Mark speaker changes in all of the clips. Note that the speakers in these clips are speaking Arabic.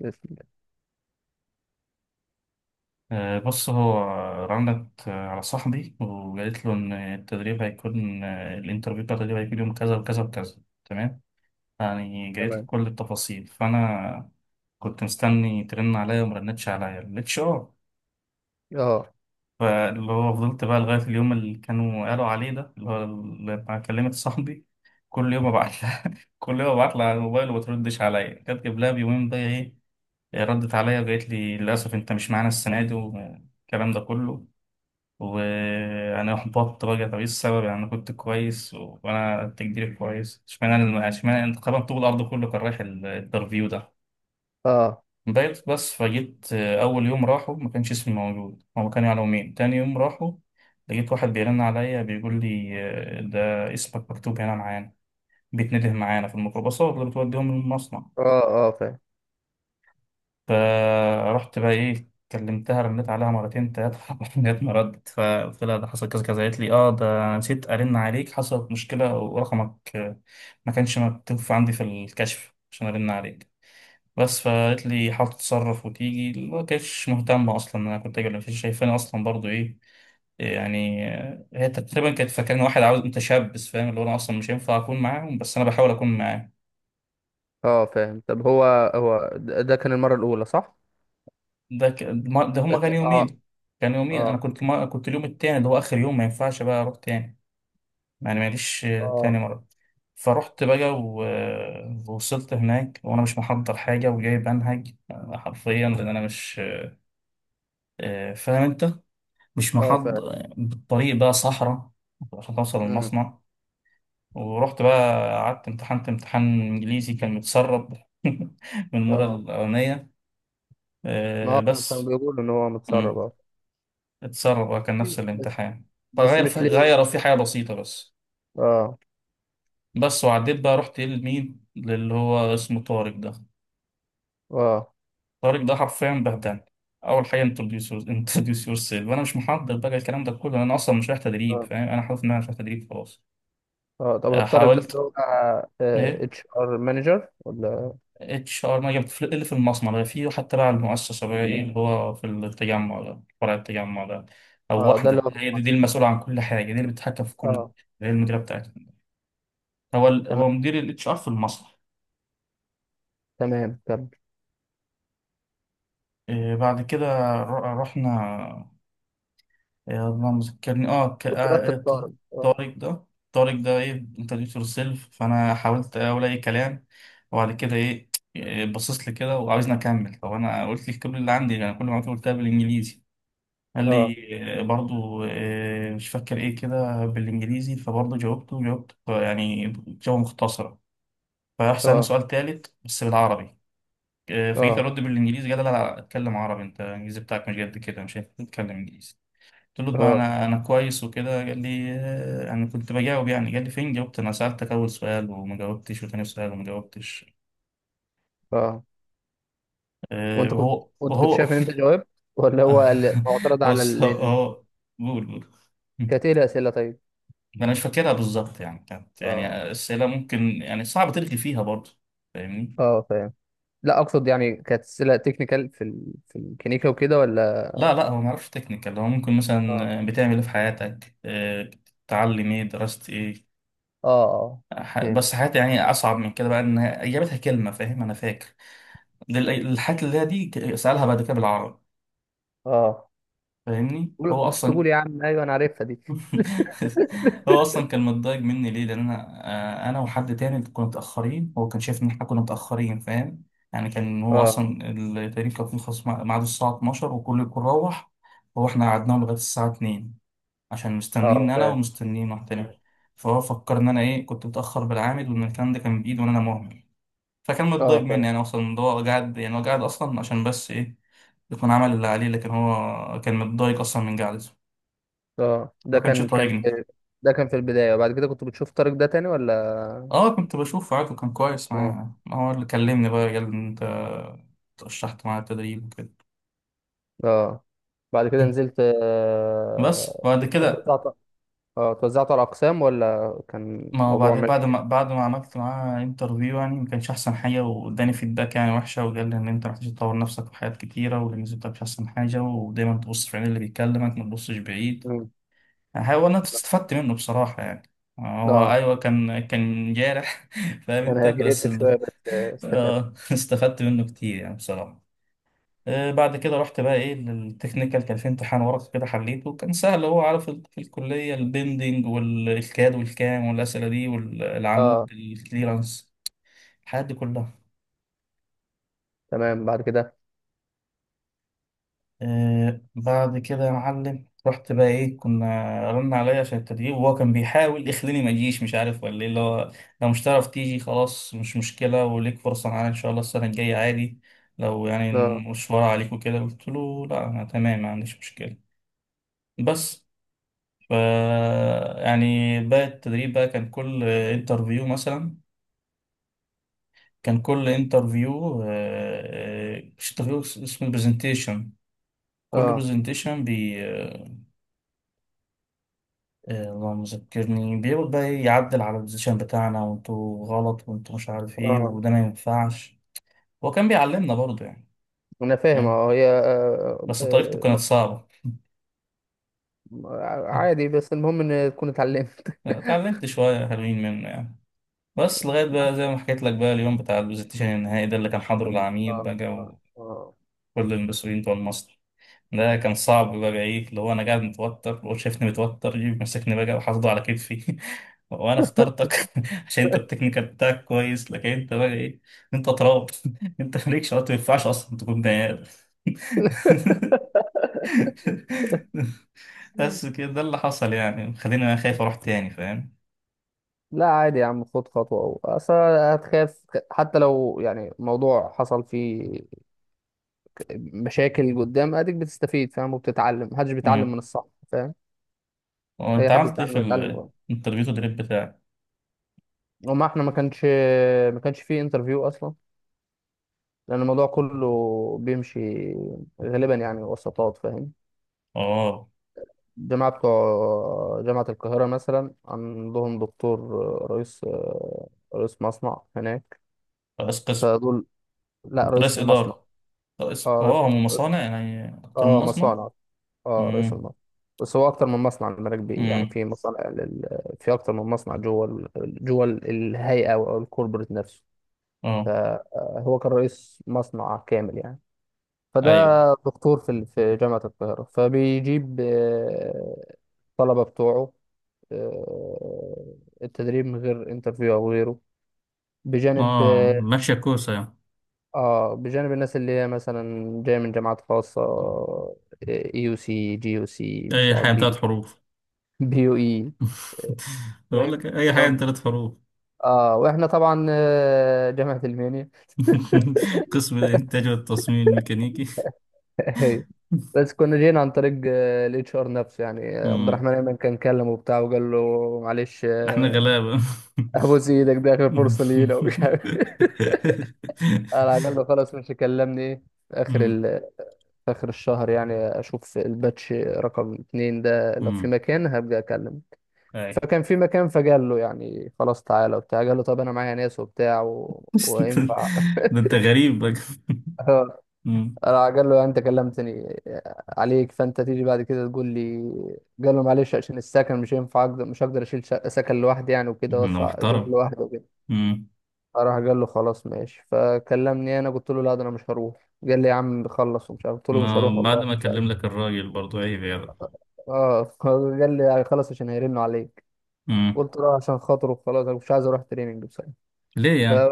Speaker 1: يسلم.
Speaker 2: بص هو رنت، على صاحبي وقالت له إن التدريب هيكون، الانترفيو بتاع التدريب هيكون يوم كذا وكذا وكذا. تمام، يعني جايت له
Speaker 1: تمام.
Speaker 2: كل التفاصيل، فأنا كنت مستني ترن عليا وما رنتش عليا الاتش ار.
Speaker 1: اه،
Speaker 2: فاللي هو فضلت بقى لغاية اليوم اللي كانوا قالوا عليه ده، اللي هو لما كلمت صاحبي كل يوم ابعت لها كل يوم ابعت لها على الموبايل وما تردش عليا. كانت قبلها بيومين بقى ايه، ردت عليا وقالت لي للاسف انت مش معانا السنة دي والكلام ده كله. وانا احبطت بقى، طب ايه السبب؟ يعني انا كنت كويس، وانا تقديري كويس، اشمعنى انت، طبعا طول الارض كله كان رايح الانترفيو ده.
Speaker 1: اه،
Speaker 2: بقيت بس فجيت، اول يوم راحوا ما كانش اسمي موجود، هما كانوا يعلموني تاني يوم. راحوا لقيت واحد بيرن عليا بيقول لي، ده اسمك مكتوب هنا معانا، بيتنده معانا في الميكروباصات اللي بتوديهم للمصنع.
Speaker 1: اه، اه، فاهم.
Speaker 2: فرحت بقى ايه، كلمتها رنيت عليها مرتين تلاتة لغاية ما ردت. فقلت لها ده حصل كذا كذا، قالت لي اه ده أنا نسيت ارن عليك، حصلت مشكلة ورقمك، ما كانش مكتوب عندي في الكشف عشان ارن عليك بس. فقالت لي حاول تتصرف وتيجي، ما كانتش مهتمة اصلا إن انا كنت اجي ولا مش شايفاني اصلا برضو ايه. يعني، هي تقريبا كانت فاكراني واحد عاوز متشبث، فاهم، اللي هو انا اصلا مش هينفع اكون معاهم، بس انا بحاول اكون معاهم.
Speaker 1: اه، فاهم. طب، هو ده كان المرة الأولى، صح؟
Speaker 2: ده ك... ما- ده هما كان
Speaker 1: اه،
Speaker 2: يومين، كان يومين. انا
Speaker 1: اه،
Speaker 2: كنت ما... كنت اليوم التاني اللي هو اخر يوم، ما ينفعش بقى اروح تاني. يعني معلش، تاني
Speaker 1: اه،
Speaker 2: مرة فرحت بقى ووصلت هناك وانا مش محضر حاجة، وجاي بنهج، حرفيا لان انا مش، فاهم انت، مش
Speaker 1: اه، فاهم.
Speaker 2: محضر. الطريق بقى صحراء عشان توصل
Speaker 1: مم.
Speaker 2: المصنع. ورحت بقى قعدت، امتحنت امتحان انجليزي كان متسرب من المرة
Speaker 1: اه،
Speaker 2: الأولانية،
Speaker 1: ما هو كان
Speaker 2: بس.
Speaker 1: بيقول إن هو متسرب،
Speaker 2: مم.
Speaker 1: اه.
Speaker 2: اتسرب اه، كان نفس
Speaker 1: بس
Speaker 2: الامتحان،
Speaker 1: بس
Speaker 2: فغير
Speaker 1: مش
Speaker 2: في
Speaker 1: ليه.
Speaker 2: غيروا فيه حاجة بسيطة بس.
Speaker 1: اه،
Speaker 2: بس وعديت بقى، رحت لمين؟ للي هو اسمه طارق ده.
Speaker 1: اه،
Speaker 2: طارق ده حرفيا بهدلني. أول حاجة، introduce yourself، وأنا مش محضر بقى الكلام ده كله، أنا أصلا مش رايح تدريب،
Speaker 1: اه،
Speaker 2: فاهم؟ أنا حاطط إن أنا مش رايح تدريب خلاص.
Speaker 1: اه، طب هو الطارق ده اللي
Speaker 2: حاولت
Speaker 1: هو
Speaker 2: إيه.
Speaker 1: HR مانجر، ولا؟
Speaker 2: اتش ار ما جبت، اللي في المصنع ده، في حتى بقى المؤسسة بقى إيه اللي هو في التجمع ده، فرع التجمع ده. أو
Speaker 1: اه، ده اللي
Speaker 2: واحدة
Speaker 1: هو في
Speaker 2: هي دي, دي
Speaker 1: مصر.
Speaker 2: المسؤولة عن كل حاجة دي اللي بتتحكم في كل.
Speaker 1: اه،
Speaker 2: هي المديرة بتاعتنا.
Speaker 1: تمام،
Speaker 2: هو مدير الاتش ار في المصنع.
Speaker 1: تمام، كمل.
Speaker 2: إيه، بعد كده، رحنا. يا الله ما ذكرني،
Speaker 1: وترتب طارق. اه،
Speaker 2: طارق ده، طارق ده ايه. انترنت يور سيلف فانا حاولت اقول اي كلام وبعد كده ايه. إيه، باصص لي كده وعاوزني اكمل. طب انا قلت لك كل اللي عندي، انا كل ما قلتها بالانجليزي قال
Speaker 1: اه،
Speaker 2: لي، برضو، مش فاكر ايه كده بالانجليزي، فبرضو جاوبته، جاوبت يعني جواب مختصرة. فراح سألني
Speaker 1: اه،
Speaker 2: سؤال تالت بس بالعربي. فجيت
Speaker 1: اه،
Speaker 2: ارد بالانجليزي، قال لا لا اتكلم عربي، انت الانجليزي بتاعك مش قد كده مش هتتكلم انجليزي. قلت له ما
Speaker 1: اه،
Speaker 2: انا كويس وكده، قال لي، انا كنت بجاوب، يعني قال لي فين جاوبت؟ انا سالتك اول سؤال وما جاوبتش، وتاني سؤال وما جاوبتش.
Speaker 1: اه، وانت كنت
Speaker 2: وهو
Speaker 1: وانت كنت
Speaker 2: وهو
Speaker 1: شايف ان انت جاوبت، ولا هو معترض على
Speaker 2: بص قول قول.
Speaker 1: كانت ايه الاسئله، طيب؟
Speaker 2: انا مش فاكرها بالظبط، يعني كانت يعني
Speaker 1: اه،
Speaker 2: اسئله ممكن يعني صعب تلغي فيها برضه، فاهمني؟
Speaker 1: اه، فاهم. لا، اقصد يعني، كانت اسئله تكنيكال في الكنيكا وكده، ولا؟
Speaker 2: لا لا، هو ما اعرفش تكنيكال، هو ممكن
Speaker 1: اه،
Speaker 2: مثلا بتعمل ايه في حياتك، بتتعلم ايه، درست ايه.
Speaker 1: اه، اه، فاهم.
Speaker 2: بس حياتي يعني اصعب من كده بقى، ان جابتها كلمه، فاهم، انا فاكر الحاجات اللي هي دي، سالها بعد كده بالعربي،
Speaker 1: اه،
Speaker 2: فاهمني؟
Speaker 1: قول،
Speaker 2: هو
Speaker 1: مش
Speaker 2: اصلا
Speaker 1: تقول يا عم ايوه انا عارفها دي.
Speaker 2: هو اصلا كان متضايق مني ليه؟ لان انا، انا وحد تاني كنا متاخرين. هو كان شايف ان احنا كنا متاخرين، فاهم؟ يعني كان، هو
Speaker 1: اه،
Speaker 2: اصلا التدريب كان بيخلص ميعاده الساعه 12، وكل الكل روح. هو احنا قعدناه لغايه الساعه 2 عشان مستنين
Speaker 1: اه،
Speaker 2: انا
Speaker 1: فاهم.
Speaker 2: ومستنين واحد
Speaker 1: مم.
Speaker 2: تاني. فهو فكر ان انا ايه، كنت متاخر بالعامل، وان الكلام ده كان بايده، وان انا مهمل. فكان
Speaker 1: اه،
Speaker 2: متضايق مني
Speaker 1: فاهم.
Speaker 2: يعني اصلا إن هو قاعد، يعني هو قاعد اصلا عشان بس ايه يكون عمل اللي عليه، لكن هو كان متضايق اصلا من قعدته.
Speaker 1: اه، ده
Speaker 2: ما كانش
Speaker 1: كان
Speaker 2: يطايقني.
Speaker 1: في، ده كان في البدايه، وبعد كده كنت بتشوف طارق ده تاني، ولا؟
Speaker 2: اه، كنت بشوف عادي، كان كويس
Speaker 1: مم.
Speaker 2: معايا، هو اللي كلمني بقى قال لي انت ترشحت معاه التدريب وكده.
Speaker 1: اه، بعد كده نزلت.
Speaker 2: بس
Speaker 1: آه،
Speaker 2: بعد كده،
Speaker 1: اه، توزعته على اقسام، ولا كان
Speaker 2: ما هو
Speaker 1: الموضوع ماشي؟
Speaker 2: بعد ما عملت معاه انترفيو يعني، ما كانش احسن حاجه، واداني فيدباك يعني وحشه، وقال لي ان انت محتاج تطور نفسك في حاجات كتيره، والانجليزي بتاعك مش احسن حاجه، ودايما تبص في عين اللي بيكلمك ما تبصش بعيد.
Speaker 1: مم.
Speaker 2: هو انا استفدت منه بصراحة يعني، هو
Speaker 1: اه،
Speaker 2: ايوه كان جارح فاهم
Speaker 1: كان
Speaker 2: انت، بس
Speaker 1: اجريسيف شويه، بس استفدت.
Speaker 2: استفدت منه كتير يعني بصراحة. بعد كده رحت بقى ايه للتكنيكال، كان في امتحان ورقي كده حليته كان سهل، هو عارف في الكلية البندنج والكاد والكام والأسئلة دي، والعمود
Speaker 1: اه،
Speaker 2: الكليرانس، الحاجات دي كلها.
Speaker 1: تمام. بعد كده؟
Speaker 2: آه بعد كده يا معلم رحت بقى ايه، كنا رن عليا عشان التدريب، وهو كان بيحاول يخليني ما اجيش، مش عارف ولا ايه اللي هو، لو مش تعرف تيجي خلاص مش مشكله، وليك فرصه معانا ان شاء الله السنه الجايه عادي لو يعني
Speaker 1: اه،
Speaker 2: المشوار عليك وكده. قلت له لا انا تمام، ما عنديش مشكله بس. ف يعني بقى التدريب بقى كان كل انترفيو مثلا، كان كل انترفيو مش انترفيو، اسمه برزنتيشن. كل
Speaker 1: اه،
Speaker 2: برزنتيشن، اللهم ذكرني، بيقعد بقى إيه يعدل على البوزيشن بتاعنا، وانتوا غلط، وانتوا مش عارف ايه،
Speaker 1: اه،
Speaker 2: وده ما ينفعش. هو كان بيعلمنا برضه يعني،
Speaker 1: انا فاهم.
Speaker 2: فاهم؟
Speaker 1: اه، هي،
Speaker 2: بس طريقته كانت صعبة.
Speaker 1: م- عادي، بس المهم ان تكون اتعلمت.
Speaker 2: اتعلمت شوية حلوين منه يعني، بس لغاية بقى زي ما حكيت لك بقى اليوم بتاع البوزيشن النهائي ده اللي كان حاضره العميد
Speaker 1: اه،
Speaker 2: بقى،
Speaker 1: اه، آه.
Speaker 2: وكل المسؤولين بتوع المصنع، ده كان صعب بقى ايه اللي هو انا قاعد متوتر وهو شايفني متوتر، يجي ماسكني بقى وحاطه على كتفي وانا اخترتك عشان انت التكنيكال بتاعك كويس، لكن انت بقى ايه، انت تراب انت مالكش وقت، ما ينفعش اصلا تكون بني آدم. بس كده ده اللي حصل يعني، خليني انا خايف اروح تاني، فاهم.
Speaker 1: لا، عادي يا عم، خد خطوة. أو أصل هتخاف، حتى لو يعني موضوع حصل فيه مشاكل قدام أديك بتستفيد، فاهم، وبتتعلم. محدش بيتعلم
Speaker 2: امم
Speaker 1: من الصح، فاهم،
Speaker 2: هو انت
Speaker 1: أي حد
Speaker 2: عملت ايه
Speaker 1: بيتعلم
Speaker 2: في
Speaker 1: هيتعلم.
Speaker 2: الانترفيو تدريب بتاعك؟
Speaker 1: وما احنا، ما كانش فيه انترفيو اصلا، لان الموضوع كله بيمشي غالبا يعني وسطات، فاهم.
Speaker 2: اه،
Speaker 1: الجماعه بتوع جامعه القاهره مثلا عندهم دكتور، رئيس رئيس مصنع هناك،
Speaker 2: رئيس قسم،
Speaker 1: فدول. لا،
Speaker 2: رئيس
Speaker 1: رئيس المصنع.
Speaker 2: اداره، رئيس
Speaker 1: اه، رئيس،
Speaker 2: اه هم مصانع يعني اكتر من
Speaker 1: اه،
Speaker 2: مصنع.
Speaker 1: مصانع. اه، رئيس المصنع. بس هو اكتر من مصنع المراكب، بي يعني
Speaker 2: امم
Speaker 1: في مصانع في اكتر من مصنع جوه الهيئه او الكوربريت نفسه.
Speaker 2: اه.
Speaker 1: فهو كان رئيس مصنع كامل يعني. فده
Speaker 2: ايوه.
Speaker 1: دكتور في جامعة القاهرة، فبيجيب الطلبة بتوعه آه، التدريب من غير انترفيو أو غيره، بجانب
Speaker 2: اه
Speaker 1: اه،
Speaker 2: ماشية كوسة يعني،
Speaker 1: بجانب الناس اللي هي مثلا جاية من جامعات خاصة، AUC، GUC، مش
Speaker 2: اي
Speaker 1: عارف،
Speaker 2: حاجة من
Speaker 1: بي،
Speaker 2: تلات حروف.
Speaker 1: BUE.
Speaker 2: بقول
Speaker 1: فاهم.
Speaker 2: لك اي حاجة من
Speaker 1: تمام.
Speaker 2: تلات حروف.
Speaker 1: اه، واحنا طبعا جامعة المنيا.
Speaker 2: قسم الانتاج والتصميم الميكانيكي.
Speaker 1: هي. بس كنا جينا عن طريق الـHR نفسه يعني، عبد
Speaker 2: مم.
Speaker 1: الرحمن ايمن كان كلمه وبتاع، وقال له معلش،
Speaker 2: احنا غلابة.
Speaker 1: ابوس ايدك، دي اخر فرصه ليه لو مش عارف. على عجل خلاص. مش كلمني ايه في اخر
Speaker 2: مم.
Speaker 1: ال... في اخر الشهر يعني، اشوف الباتش رقم 2 ده، لو في
Speaker 2: مم.
Speaker 1: مكان هبقى اكلمه.
Speaker 2: اي.
Speaker 1: فكان في مكان، فقال له يعني خلاص تعالى وبتاع. قال له طب انا معايا ناس وبتاع وينفع؟
Speaker 2: ده انت غريب بقى. مم.
Speaker 1: راح قال له انت كلمتني عليك، فانت تيجي بعد كده تقول لي؟ قال له معلش، عشان السكن مش هينفع، اقدر، مش هقدر اشيل سكن لوحدي يعني، وكده،
Speaker 2: انا
Speaker 1: وادفع ايجار
Speaker 2: محترم.
Speaker 1: لوحدي.
Speaker 2: مم.
Speaker 1: راح قال له خلاص، ماشي، فكلمني انا. قلت له لا، ده انا مش هروح. قال لي يا عم، خلص، ومش عارف. قلت له مش هروح
Speaker 2: ما بعد
Speaker 1: والله،
Speaker 2: ما
Speaker 1: مش
Speaker 2: اكلم
Speaker 1: عارف.
Speaker 2: لك الراجل برضو عيب يعني.
Speaker 1: اه. قال لي خلاص، عشان هيرنوا عليك.
Speaker 2: مم.
Speaker 1: قلت له عشان خاطره، خلاص، انا مش عايز اروح تريننج بصراحه.
Speaker 2: ليه
Speaker 1: ف
Speaker 2: يعني؟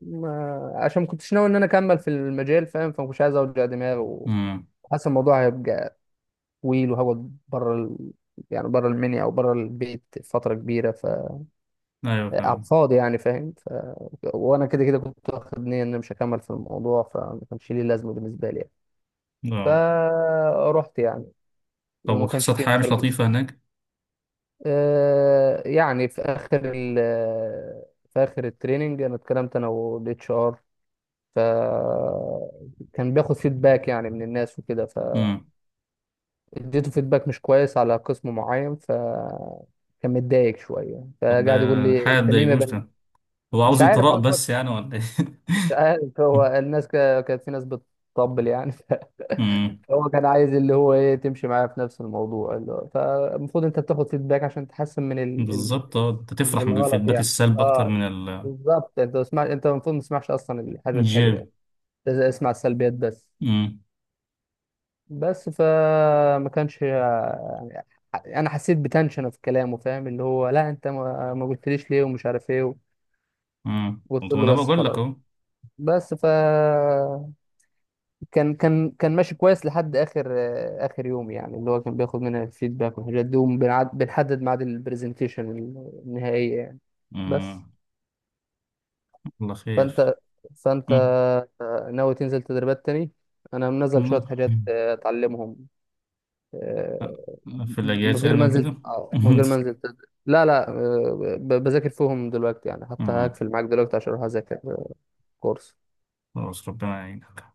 Speaker 1: ما- عشان ما كنتش ناوي ان انا اكمل في المجال، فاهم، فمش عايز اوجع دماغي.
Speaker 2: مم.
Speaker 1: وحاسس الموضوع هيبقى طويل، وهقعد بره يعني بره المنيا او بره البيت فتره كبيره،
Speaker 2: ايوه
Speaker 1: على
Speaker 2: فاهم.
Speaker 1: الفاضي يعني، فاهم. وانا كده كده كنت واخد نيه ان انا مش هكمل في الموضوع، فما كانش ليه لازمه بالنسبه لي يعني.
Speaker 2: آه.
Speaker 1: فرحت يعني،
Speaker 2: طب
Speaker 1: وما كانش
Speaker 2: وحصلت
Speaker 1: فيه
Speaker 2: حاجة مش
Speaker 1: انترفيو.
Speaker 2: لطيفة هناك؟
Speaker 1: آه، يعني في اخر التريننج انا اتكلمت انا والاتش ار. ف كان بياخد فيدباك يعني من الناس وكده،
Speaker 2: مم.
Speaker 1: فاديته فيدباك مش كويس على قسم معين. كان متضايق شويه،
Speaker 2: طب
Speaker 1: فقعد يقول
Speaker 2: ده
Speaker 1: لي
Speaker 2: حاجة
Speaker 1: انت ليه ما
Speaker 2: تضايقوش ده، هو
Speaker 1: مش
Speaker 2: عاوز
Speaker 1: عارف،
Speaker 2: إطراء بس يعني ولا إيه؟
Speaker 1: مش عارف. هو الناس كانت في ناس بتطبل يعني،
Speaker 2: مم.
Speaker 1: فهو كان عايز اللي هو ايه تمشي معاه في نفس الموضوع اللي هو، فالمفروض انت بتاخد فيدباك عشان تحسن من
Speaker 2: بالظبط اه، أنت تفرح
Speaker 1: من
Speaker 2: من
Speaker 1: الغلط
Speaker 2: الفيدباك
Speaker 1: يعني.
Speaker 2: السلبي أكتر
Speaker 1: اه،
Speaker 2: من
Speaker 1: بالظبط. انت اسمع، انت المفروض ما تسمعش اصلا الحاجه الحلوه،
Speaker 2: الإيجابي.
Speaker 1: لازم اسمع السلبيات بس.
Speaker 2: مم.
Speaker 1: بس، فما كانش يعني، انا حسيت بتنشن في كلامه، فاهم، اللي هو لا، انت ما قلتليش ليه ومش عارف ايه.
Speaker 2: مم.
Speaker 1: قلت
Speaker 2: طب
Speaker 1: له
Speaker 2: أنا
Speaker 1: بس،
Speaker 2: بقول لك
Speaker 1: خلاص.
Speaker 2: أهو.
Speaker 1: بس، كان ماشي كويس لحد اخر، اخر يوم يعني، اللي هو كان بياخد مننا الفيدباك والحاجات دي، وبنعد- بنحدد ميعاد البرزنتيشن النهائية يعني. بس،
Speaker 2: مم. الله خير.
Speaker 1: فانت فانت
Speaker 2: مم.
Speaker 1: ناوي تنزل تدريبات تاني؟ انا منزل شوية
Speaker 2: مم.
Speaker 1: حاجات اتعلمهم. آه،
Speaker 2: في
Speaker 1: من
Speaker 2: الأجازة
Speaker 1: غير
Speaker 2: أنا
Speaker 1: ما انزل،
Speaker 2: وكده. مم.
Speaker 1: لا، لا، بذاكر فيهم دلوقتي يعني. حتى هقفل معاك دلوقتي عشان اروح اذاكر كورس.
Speaker 2: خلاص ربنا يعينك.